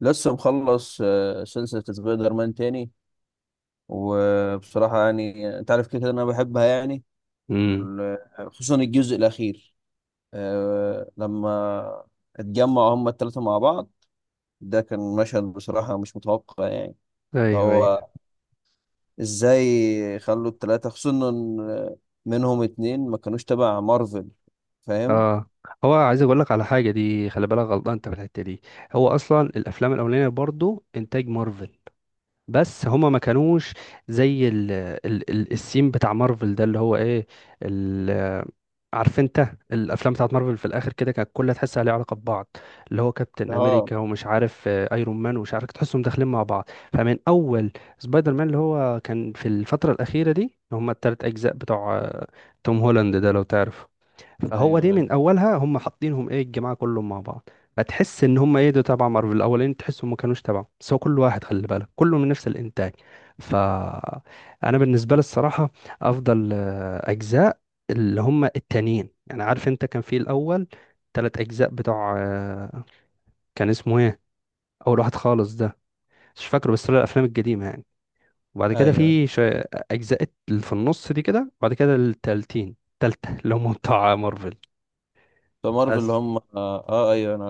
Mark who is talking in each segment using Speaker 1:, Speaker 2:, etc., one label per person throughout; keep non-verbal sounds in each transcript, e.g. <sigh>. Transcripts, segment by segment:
Speaker 1: لسه مخلص سلسلة سبايدر مان تاني. وبصراحة يعني انت عارف كده كده انا بحبها يعني.
Speaker 2: امم
Speaker 1: وال- خصوصا الجزء الاخير. لما اتجمعوا هما التلاتة مع بعض. ده كان مشهد بصراحة مش متوقع يعني. اللي
Speaker 2: ايوه، ايوه،
Speaker 1: هو ازاي خلوا التلاتة خصوصا إن منهم اتنين ما كانوش تبع مارفل. فاهم؟
Speaker 2: اه. هو عايز اقول لك على حاجه، دي خلي بالك غلطان انت في الحته دي. هو اصلا الافلام الاولانيه برضو انتاج مارفل، بس هما ما كانوش زي ال السين بتاع مارفل ده اللي هو ايه. ال عارف انت الافلام بتاعت مارفل في الاخر كده كانت كلها تحسها ليها علاقه ببعض، اللي هو كابتن
Speaker 1: اه.
Speaker 2: امريكا ومش عارف ايرون مان ومش عارف، تحسهم داخلين مع بعض. فمن اول سبايدر مان اللي هو كان في الفتره الاخيره دي، اللي هما التلات اجزاء بتوع توم هولاند ده لو تعرف. فهو
Speaker 1: ايوه،
Speaker 2: دي
Speaker 1: ايوه،
Speaker 2: من اولها هم حاطينهم ايه الجماعه كلهم مع بعض، هتحس ان هم ايه ده تبع مارفل الاولين، تحسهم ما كانوش تبعه، بس هو كل واحد خلي بالك كله من نفس الانتاج. ف انا بالنسبه لي الصراحه افضل اجزاء اللي هم التانيين، يعني عارف انت كان في الاول تلات اجزاء بتوع كان اسمه ايه اول واحد خالص ده، مش فاكره، بس طلع الافلام القديمه يعني. وبعد كده
Speaker 1: ايوه.
Speaker 2: في شوية اجزاء اللي في النص دي كده. وبعد كده التالتة اللي هم بتوع مارفل.
Speaker 1: فمارفل اللي
Speaker 2: بس
Speaker 1: هم آه ايوه انا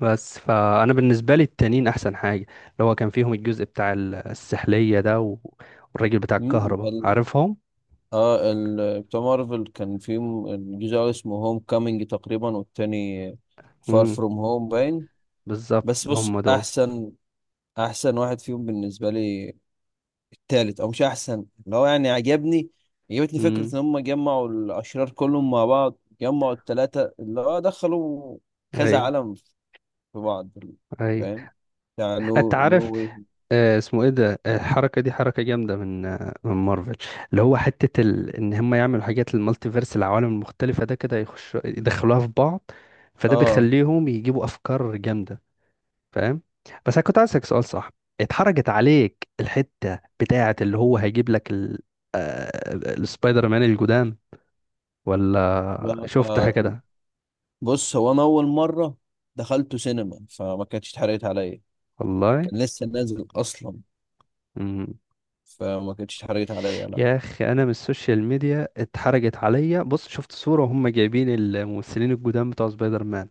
Speaker 2: بس فانا بالنسبه لي التانيين احسن حاجه، اللي هو كان فيهم الجزء بتاع السحليه ده و... والراجل بتاع الكهرباء،
Speaker 1: عارف.
Speaker 2: عارفهم.
Speaker 1: بتاع مارفل كان في الجزء الأول اسمه هوم كامينج تقريبا، والتاني فار
Speaker 2: امم،
Speaker 1: فروم هوم باين.
Speaker 2: بالظبط
Speaker 1: بس بص،
Speaker 2: هم دول.
Speaker 1: احسن احسن واحد فيهم بالنسبه لي التالت. او مش احسن، اللي هو يعني عجبتني فكره
Speaker 2: امم،
Speaker 1: ان هم جمعوا الاشرار كلهم مع بعض، جمعوا التلاته اللي هو دخلوا كذا
Speaker 2: ايوه،
Speaker 1: عالم في بعض.
Speaker 2: ايوه،
Speaker 1: فاهم؟ بتاع
Speaker 2: انت
Speaker 1: نو
Speaker 2: عارف
Speaker 1: واي.
Speaker 2: اسمه ايه ده، الحركه دي حركه جامده من مارفل، اللي هو حته ان هم يعملوا حاجات المالتي فيرس، العوالم المختلفه ده كده يخشوا يدخلوها في بعض، فده
Speaker 1: اه.
Speaker 2: بيخليهم يجيبوا افكار جامده، فاهم. بس انا كنت عايز اسالك سؤال، صح اتحرجت عليك الحته بتاعه، اللي هو هيجيب لك ال... آه، آه، السبايدر مان الجداد، ولا
Speaker 1: لا.
Speaker 2: شفتها كده؟
Speaker 1: بص، هو انا اول مره دخلته سينما، فما كانتش اتحرقت عليا.
Speaker 2: والله.
Speaker 1: كان لسه نازل اصلا،
Speaker 2: مم.
Speaker 1: فما كانتش اتحرجت عليا، لا.
Speaker 2: يا اخي، انا من السوشيال ميديا اتحرجت عليا، بص شفت صوره وهم جايبين الممثلين الجداد بتوع سبايدر مان،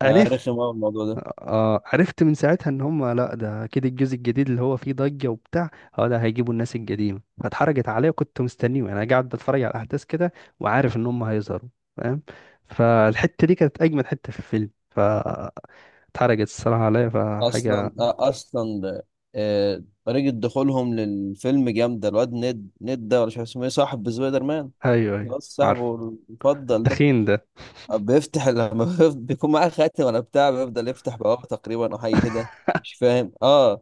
Speaker 1: لا، رخم قوي الموضوع ده.
Speaker 2: اه عرفت من ساعتها ان هم، لا ده اكيد الجزء الجديد اللي هو فيه ضجة وبتاع، اه ده هيجيبوا الناس القديمة، فاتحرجت عليا وكنت مستنيه يعني، انا قاعد بتفرج على الاحداث كده وعارف ان هم هيظهروا، فاهم. فالحتة دي كانت اجمد حتة في الفيلم، فاتحرجت الصراحة عليا
Speaker 1: اصلا
Speaker 2: فحاجة.
Speaker 1: طريقة دخولهم للفيلم جامدة. الواد نيد ده، ولا مش عارف اسمه ايه، صاحب سبايدر مان.
Speaker 2: ايوه، ايوه،
Speaker 1: خلاص،
Speaker 2: عارف
Speaker 1: صاحبه المفضل ده.
Speaker 2: التخين ده.
Speaker 1: بيفتح لما <laughs> بيكون معاه خاتم ولا بتاع، بيفضل يفتح بوابة تقريبا او حاجة
Speaker 2: <laughs>
Speaker 1: كده. مش فاهم. اه،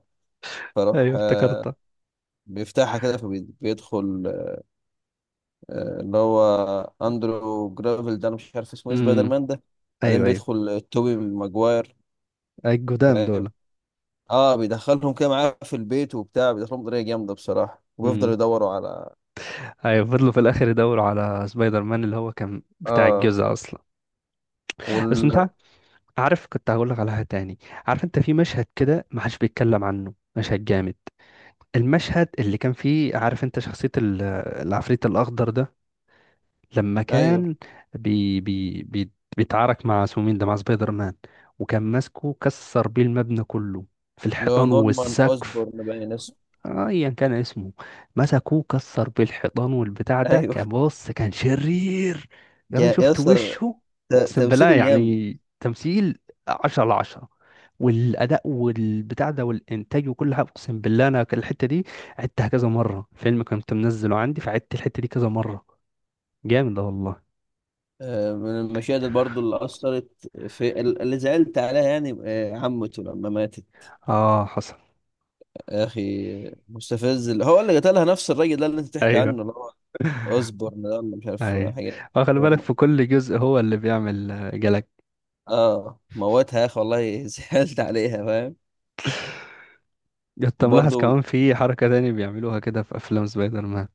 Speaker 1: فروح
Speaker 2: ايوه افتكرتها.
Speaker 1: بيفتحها كده فبيدخل. اللي هو اندرو جرافيل ده، انا مش عارف اسمه ايه سبايدر
Speaker 2: امم،
Speaker 1: مان ده. بعدين
Speaker 2: ايوه، ايوه،
Speaker 1: بيدخل توبي ماجواير.
Speaker 2: الجدام
Speaker 1: فاهم؟
Speaker 2: دول.
Speaker 1: اه، بيدخلهم كده معاه في البيت وبتاع، بيدخلهم بطريقه جامده بصراحه، وبيفضلوا
Speaker 2: امم،
Speaker 1: يدوروا على.
Speaker 2: ايوه فضلوا في الاخر يدوروا على سبايدر مان اللي هو كان بتاع
Speaker 1: اه.
Speaker 2: الجزء اصلا. بس
Speaker 1: وال
Speaker 2: انت عارف، كنت هقول لك على حاجه تاني. عارف انت في مشهد كده ما حدش بيتكلم عنه، مشهد جامد، المشهد اللي كان فيه عارف انت شخصيه العفريت الاخضر ده لما
Speaker 1: ايوه،
Speaker 2: كان بي بي بي بيتعارك مع اسمه مين ده، مع سبايدر مان، وكان ماسكه كسر بيه المبنى كله في
Speaker 1: اللي هو
Speaker 2: الحيطان
Speaker 1: نورمان
Speaker 2: والسقف.
Speaker 1: اوزبورن باين اسمه.
Speaker 2: ايا كان اسمه، مسكوه كسر بالحيطان والبتاع ده،
Speaker 1: ايوه.
Speaker 2: كان بص كان شرير. يا راجل
Speaker 1: يا
Speaker 2: شفت
Speaker 1: اسطى،
Speaker 2: وشه، اقسم بالله
Speaker 1: تمثيله يام.
Speaker 2: يعني تمثيل عشرة على عشرة، والاداء والبتاع ده والانتاج وكل حاجه. اقسم بالله انا الحته دي عدتها كذا مره، فيلم كنت منزله عندي فعدت الحته دي كذا مره، جامد ده والله.
Speaker 1: من المشاهد برضو اللي اثرت في، اللي زعلت عليها يعني، عمته لما ماتت.
Speaker 2: اه حصل.
Speaker 1: يا اخي، مستفز، اللي هو اللي قتلها نفس الراجل ده اللي انت بتحكي
Speaker 2: ايوه
Speaker 1: عنه، اللي هو اوزبورن ده ولا مش عارف
Speaker 2: ايوه.
Speaker 1: حاجه.
Speaker 2: خلي بالك
Speaker 1: نورمان.
Speaker 2: في كل جزء هو اللي بيعمل جلاكسي.
Speaker 1: اه، موتها يا اخي والله، <laughs> زعلت عليها. فاهم.
Speaker 2: انت ملاحظ
Speaker 1: وبرضه
Speaker 2: كمان في حركة تانية بيعملوها كده في أفلام سبايدر مان،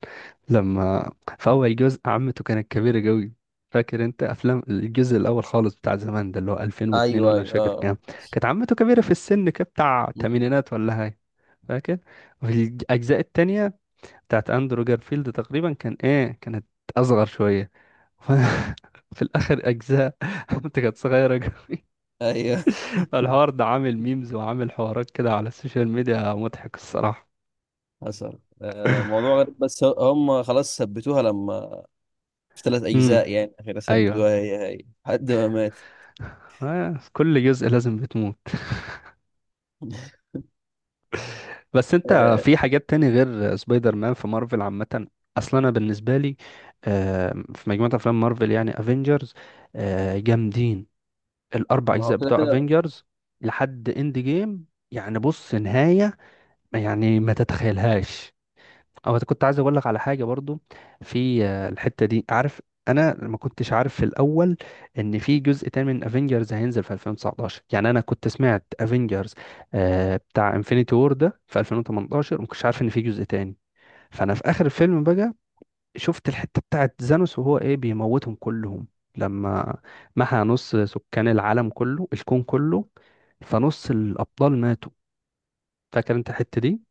Speaker 2: لما في أول جزء عمته كانت كبيرة قوي، فاكر انت أفلام الجزء الأول خالص بتاع زمان ده اللي هو 2002
Speaker 1: ايوه،
Speaker 2: ولا مش
Speaker 1: ايوه،
Speaker 2: فاكر
Speaker 1: اه،
Speaker 2: كام. كانت عمته كبيرة في السن كده بتاع
Speaker 1: مم.
Speaker 2: تمانينات ولا هاي، فاكر. وفي الأجزاء التانية بتاعت أندرو جارفيلد تقريبا كان ايه، كانت أصغر شوية. <laughs> ف- في الآخر أجزاء عمته كانت صغيرة قوي.
Speaker 1: ايوه
Speaker 2: الحوار ده عامل ميمز وعامل حوارات كده على السوشيال ميديا، مضحك الصراحة.
Speaker 1: حصل. موضوع غريب، بس هم خلاص ثبتوها. لما في ثلاث اجزاء، يعني اخيرا
Speaker 2: ايوه،
Speaker 1: ثبتوها هي هي، لحد ما مات.
Speaker 2: كل جزء لازم بتموت. <laughs>
Speaker 1: <laughs>
Speaker 2: بس انت
Speaker 1: آه
Speaker 2: في حاجات تاني غير سبايدر مان في مارفل عامة، اصلا انا بالنسبة لي في مجموعة افلام مارفل يعني افنجرز، جامدين الاربع
Speaker 1: ما هو
Speaker 2: اجزاء
Speaker 1: كده
Speaker 2: بتوع
Speaker 1: كده.
Speaker 2: افنجرز لحد اند جيم، يعني بص نهاية يعني ما تتخيلهاش. او كنت عايز اقول لك على حاجه برضو في الحته دي، عارف انا ما كنتش عارف في الاول ان في جزء تاني من افنجرز هينزل في 2019، يعني انا كنت سمعت افنجرز بتاع انفينيتي وور ده في 2018، وما كنتش عارف ان في جزء تاني. فانا في اخر الفيلم بقى شفت الحته بتاعت زانوس وهو ايه بيموتهم كلهم، لما محى نص سكان العالم كله، الكون كله، فنص الابطال ماتوا، فاكر انت الحته دي.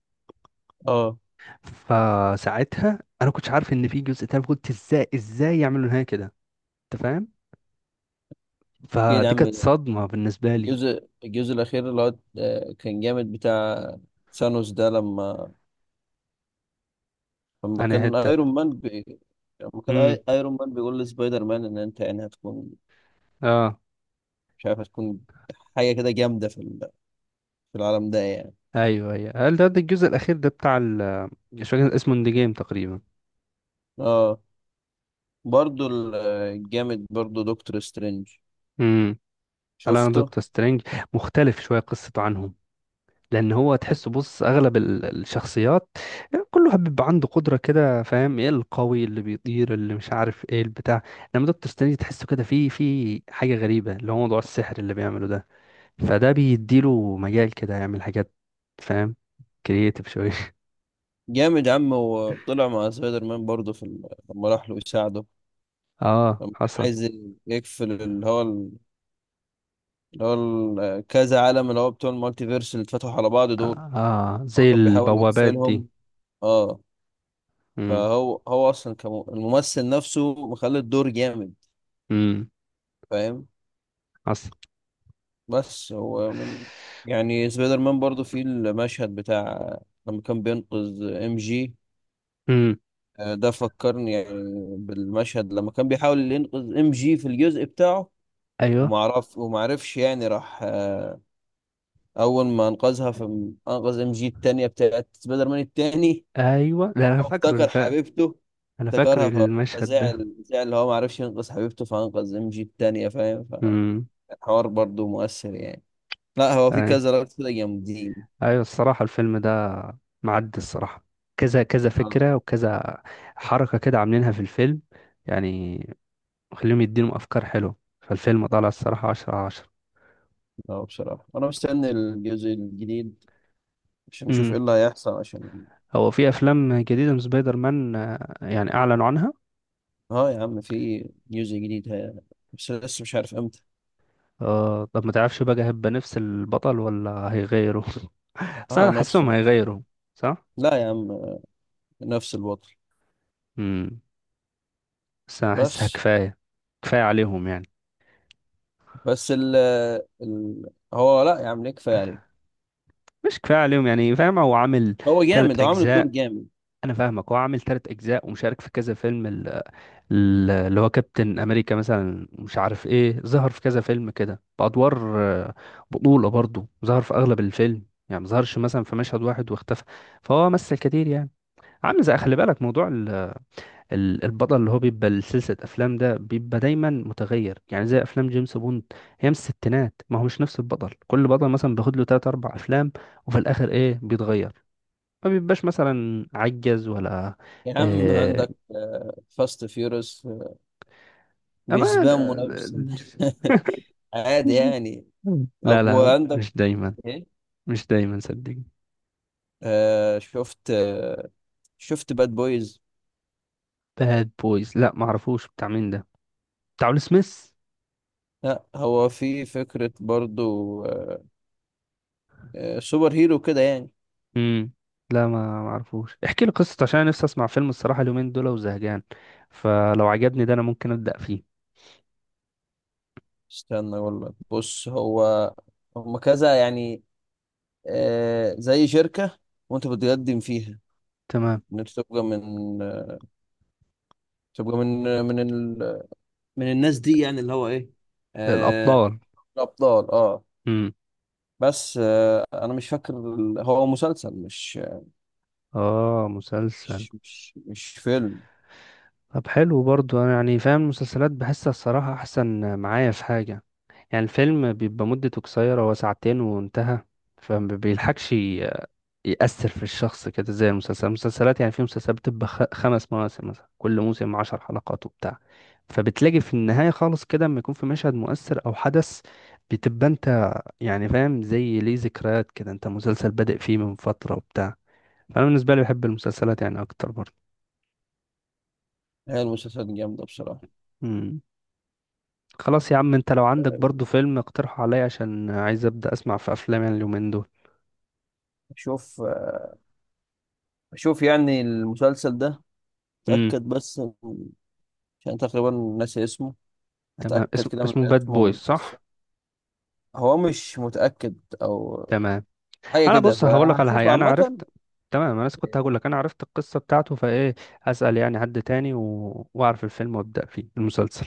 Speaker 1: اه.
Speaker 2: فساعتها انا كنتش عارف ان في جزء تاني، قلت ازاي ازاي يعملوا نهايه كده، انت فاهم.
Speaker 1: كده يا
Speaker 2: فدي
Speaker 1: عم.
Speaker 2: كانت صدمه بالنسبه لي.
Speaker 1: الجزء الاخير اللي هو كان جامد بتاع ثانوس ده. لما
Speaker 2: انا
Speaker 1: كان
Speaker 2: حته.
Speaker 1: ايرون مان لما كان
Speaker 2: امم،
Speaker 1: ايرون مان بيقول لسبايدر مان ان انت يعني هتكون،
Speaker 2: اه،
Speaker 1: مش عارف هتكون حاجه كده جامده في في العالم ده يعني.
Speaker 2: ايوه، ايوه، هل ده، الجزء الاخير ده بتاع مش فاكر اسمه، اند جيم تقريبا.
Speaker 1: اه، برضو الجامد برضو دكتور سترينج.
Speaker 2: امم. هل انا
Speaker 1: شفته.
Speaker 2: دكتور سترينج مختلف شويه قصته عنهم؟ لان هو تحسه بص اغلب الشخصيات كله بيبقى عنده قدره كده، فاهم، ايه القوي اللي بيطير اللي مش عارف ايه البتاع، لما دكتور ستانلي تحسه كده في حاجه غريبه اللي هو موضوع السحر اللي بيعمله ده، فده بيديله مجال كده يعمل حاجات، فاهم، كرييتيف شويه. <laughs>
Speaker 1: جامد يا عم. هو طلع مع سبايدر مان برضو في لما راح له يساعده،
Speaker 2: اه
Speaker 1: لما كان
Speaker 2: حصل.
Speaker 1: عايز يقفل، كذا عالم، اللي هو بتوع المالتيفيرس اللي اتفتحوا على بعض
Speaker 2: اه،
Speaker 1: دول. هو
Speaker 2: زي
Speaker 1: كان بيحاول
Speaker 2: البوابات دي.
Speaker 1: يقفلهم. اه.
Speaker 2: امم.
Speaker 1: فهو اصلا الممثل نفسه مخلي الدور جامد.
Speaker 2: امم.
Speaker 1: فاهم.
Speaker 2: حصل.
Speaker 1: بس هو من يعني، سبايدر مان برضو في المشهد بتاع لما كان بينقذ ام جي.
Speaker 2: امم،
Speaker 1: ده فكرني يعني بالمشهد لما كان بيحاول ينقذ ام جي في الجزء بتاعه.
Speaker 2: ايوه،
Speaker 1: ومعرفش يعني، راح اول ما انقذها، في انقذ ام جي التانية بتاعت سبايدر مان التاني،
Speaker 2: ايوه،
Speaker 1: هو
Speaker 2: لا انا فاكره
Speaker 1: افتكر
Speaker 2: الفا،
Speaker 1: حبيبته،
Speaker 2: انا فاكر
Speaker 1: افتكرها.
Speaker 2: المشهد ده.
Speaker 1: فزعل اللي هو معرفش ينقذ حبيبته فانقذ ام جي التانية. فاهم؟
Speaker 2: امم.
Speaker 1: حوار برضو مؤثر يعني. لا، هو في كذا لقطة كده جامدين.
Speaker 2: ايوه. الصراحة الفيلم ده معدي الصراحة، كذا كذا
Speaker 1: اه.
Speaker 2: فكرة وكذا حركة كده عاملينها في الفيلم يعني، خليهم يدينهم افكار حلوة، فالفيلم طالع الصراحة عشرة على عشرة.
Speaker 1: اه، بصراحة أنا مستني الجزء الجديد عشان أشوف إيه
Speaker 2: امم.
Speaker 1: اللي هيحصل. عشان
Speaker 2: هو في افلام جديدة من سبايدر مان يعني اعلنوا عنها.
Speaker 1: اه يا عم في جزء جديد بس لسه مش عارف إمتى.
Speaker 2: طب ما تعرفش بقى هيبقى نفس البطل ولا هيغيروا؟ <laughs> بس
Speaker 1: اه،
Speaker 2: انا
Speaker 1: نفسه
Speaker 2: حاسسهم
Speaker 1: نفسه.
Speaker 2: هيغيروا. صح.
Speaker 1: لا يا عم، نفس البطل.
Speaker 2: امم. بس انا حاسسها
Speaker 1: بس
Speaker 2: كفاية، كفاية عليهم يعني.
Speaker 1: بس ال هو. لا يا عم، ليه كفاية عليه؟
Speaker 2: مش كفاية عليهم يعني، فاهم، هو عامل
Speaker 1: هو
Speaker 2: تلات
Speaker 1: جامد، هو عامل الدور
Speaker 2: اجزاء.
Speaker 1: جامد.
Speaker 2: انا فاهمك، هو عامل تلات اجزاء ومشارك في كذا فيلم، اللي هو كابتن امريكا مثلا مش عارف ايه، ظهر في كذا فيلم كده بادوار بطولة برضه، ظهر في اغلب الفيلم يعني، ما ظهرش مثلا في مشهد واحد واختفى، فهو مثل كتير يعني. عامل زي خلي بالك موضوع البطل اللي هو بيبقى لسلسلة افلام ده، بيبقى دايما متغير يعني زي افلام جيمس بوند، هي من الستينات، ما هو مش نفس البطل، كل بطل مثلا بياخد له تلات اربع افلام، وفي الاخر ايه بيتغير، ما بيبقاش مثلا عجز ولا
Speaker 1: يا عم
Speaker 2: آه،
Speaker 1: عندك فاست فيورس،
Speaker 2: أما
Speaker 1: بيسباموا
Speaker 2: ده-
Speaker 1: نفسهم <laughs> عادي
Speaker 2: <laughs>
Speaker 1: يعني.
Speaker 2: لا،
Speaker 1: أبو
Speaker 2: لا،
Speaker 1: عندك
Speaker 2: مش دايما، مش دايما صدقني.
Speaker 1: شفت؟ شفت باد بويز.
Speaker 2: باد بويز، لا ما اعرفوش بتاع مين ده، بتاع ويل سميث.
Speaker 1: لا هو في فكرة برضو، سوبر هيرو كده يعني.
Speaker 2: امم. لا ما اعرفوش، احكي لي قصته عشان انا نفسي اسمع فيلم الصراحه اليومين دول وزهقان، فلو عجبني ده انا ممكن ابدا فيه.
Speaker 1: استنى اقول لك، بص، هو هم كذا يعني، آه زي شركة وانت بتقدم فيها
Speaker 2: تمام،
Speaker 1: ان انت تبقى من تبقى من آه من ال... من الناس دي يعني، اللي هو ايه، آه
Speaker 2: الابطال.
Speaker 1: الابطال. اه.
Speaker 2: امم،
Speaker 1: بس انا مش فاكر. هو مسلسل مش.
Speaker 2: اه، مسلسل.
Speaker 1: فيلم.
Speaker 2: طب حلو برضو، انا يعني فاهم المسلسلات بحسها الصراحه احسن معايا في حاجه، يعني الفيلم بيبقى مدته قصيرة، هو ساعتين وانتهى، فما بيلحقش يأثر في الشخص كده، زي المسلسلات، المسلسلات يعني في مسلسلات بتبقى خمس مواسم مثلا، كل موسم عشر حلقات وبتاع، فبتلاقي في النهاية خالص كده لما يكون في مشهد مؤثر أو حدث، بتبقى أنت يعني فاهم زي ليه ذكريات كده، أنت مسلسل بادئ فيه من فترة وبتاع، فأنا بالنسبة لي بحب المسلسلات يعني أكتر برضه.
Speaker 1: هي المسلسلات جامدة بصراحة.
Speaker 2: مم. خلاص يا عم، أنت لو عندك برضه فيلم اقترحه عليا عشان عايز أبدأ أسمع في أفلام يعني اليومين
Speaker 1: شوف شوف يعني المسلسل ده،
Speaker 2: دول.
Speaker 1: تأكد بس عشان تقريبا ناسي اسمه.
Speaker 2: تمام،
Speaker 1: هتأكد كده من
Speaker 2: اسمه باد
Speaker 1: اسمه ومن
Speaker 2: بويز
Speaker 1: القصة.
Speaker 2: صح.
Speaker 1: هو مش متأكد أو
Speaker 2: تمام،
Speaker 1: حاجة
Speaker 2: انا
Speaker 1: كده،
Speaker 2: بص هقول لك على
Speaker 1: فهشوف
Speaker 2: حاجه، انا
Speaker 1: عامة.
Speaker 2: عرفت. تمام، انا لسه كنت هقول لك انا عرفت القصه بتاعته، فايه اسال يعني حد تاني واعرف الفيلم وابدا فيه المسلسل.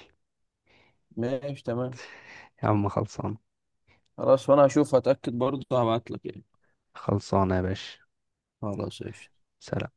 Speaker 1: ماشي تمام.
Speaker 2: يا عم خلصان.
Speaker 1: خلاص، وأنا هشوف، هتأكد برضه هبعتلك يعني.
Speaker 2: خلصانه يا باشا.
Speaker 1: خلاص قشطة.
Speaker 2: سلام.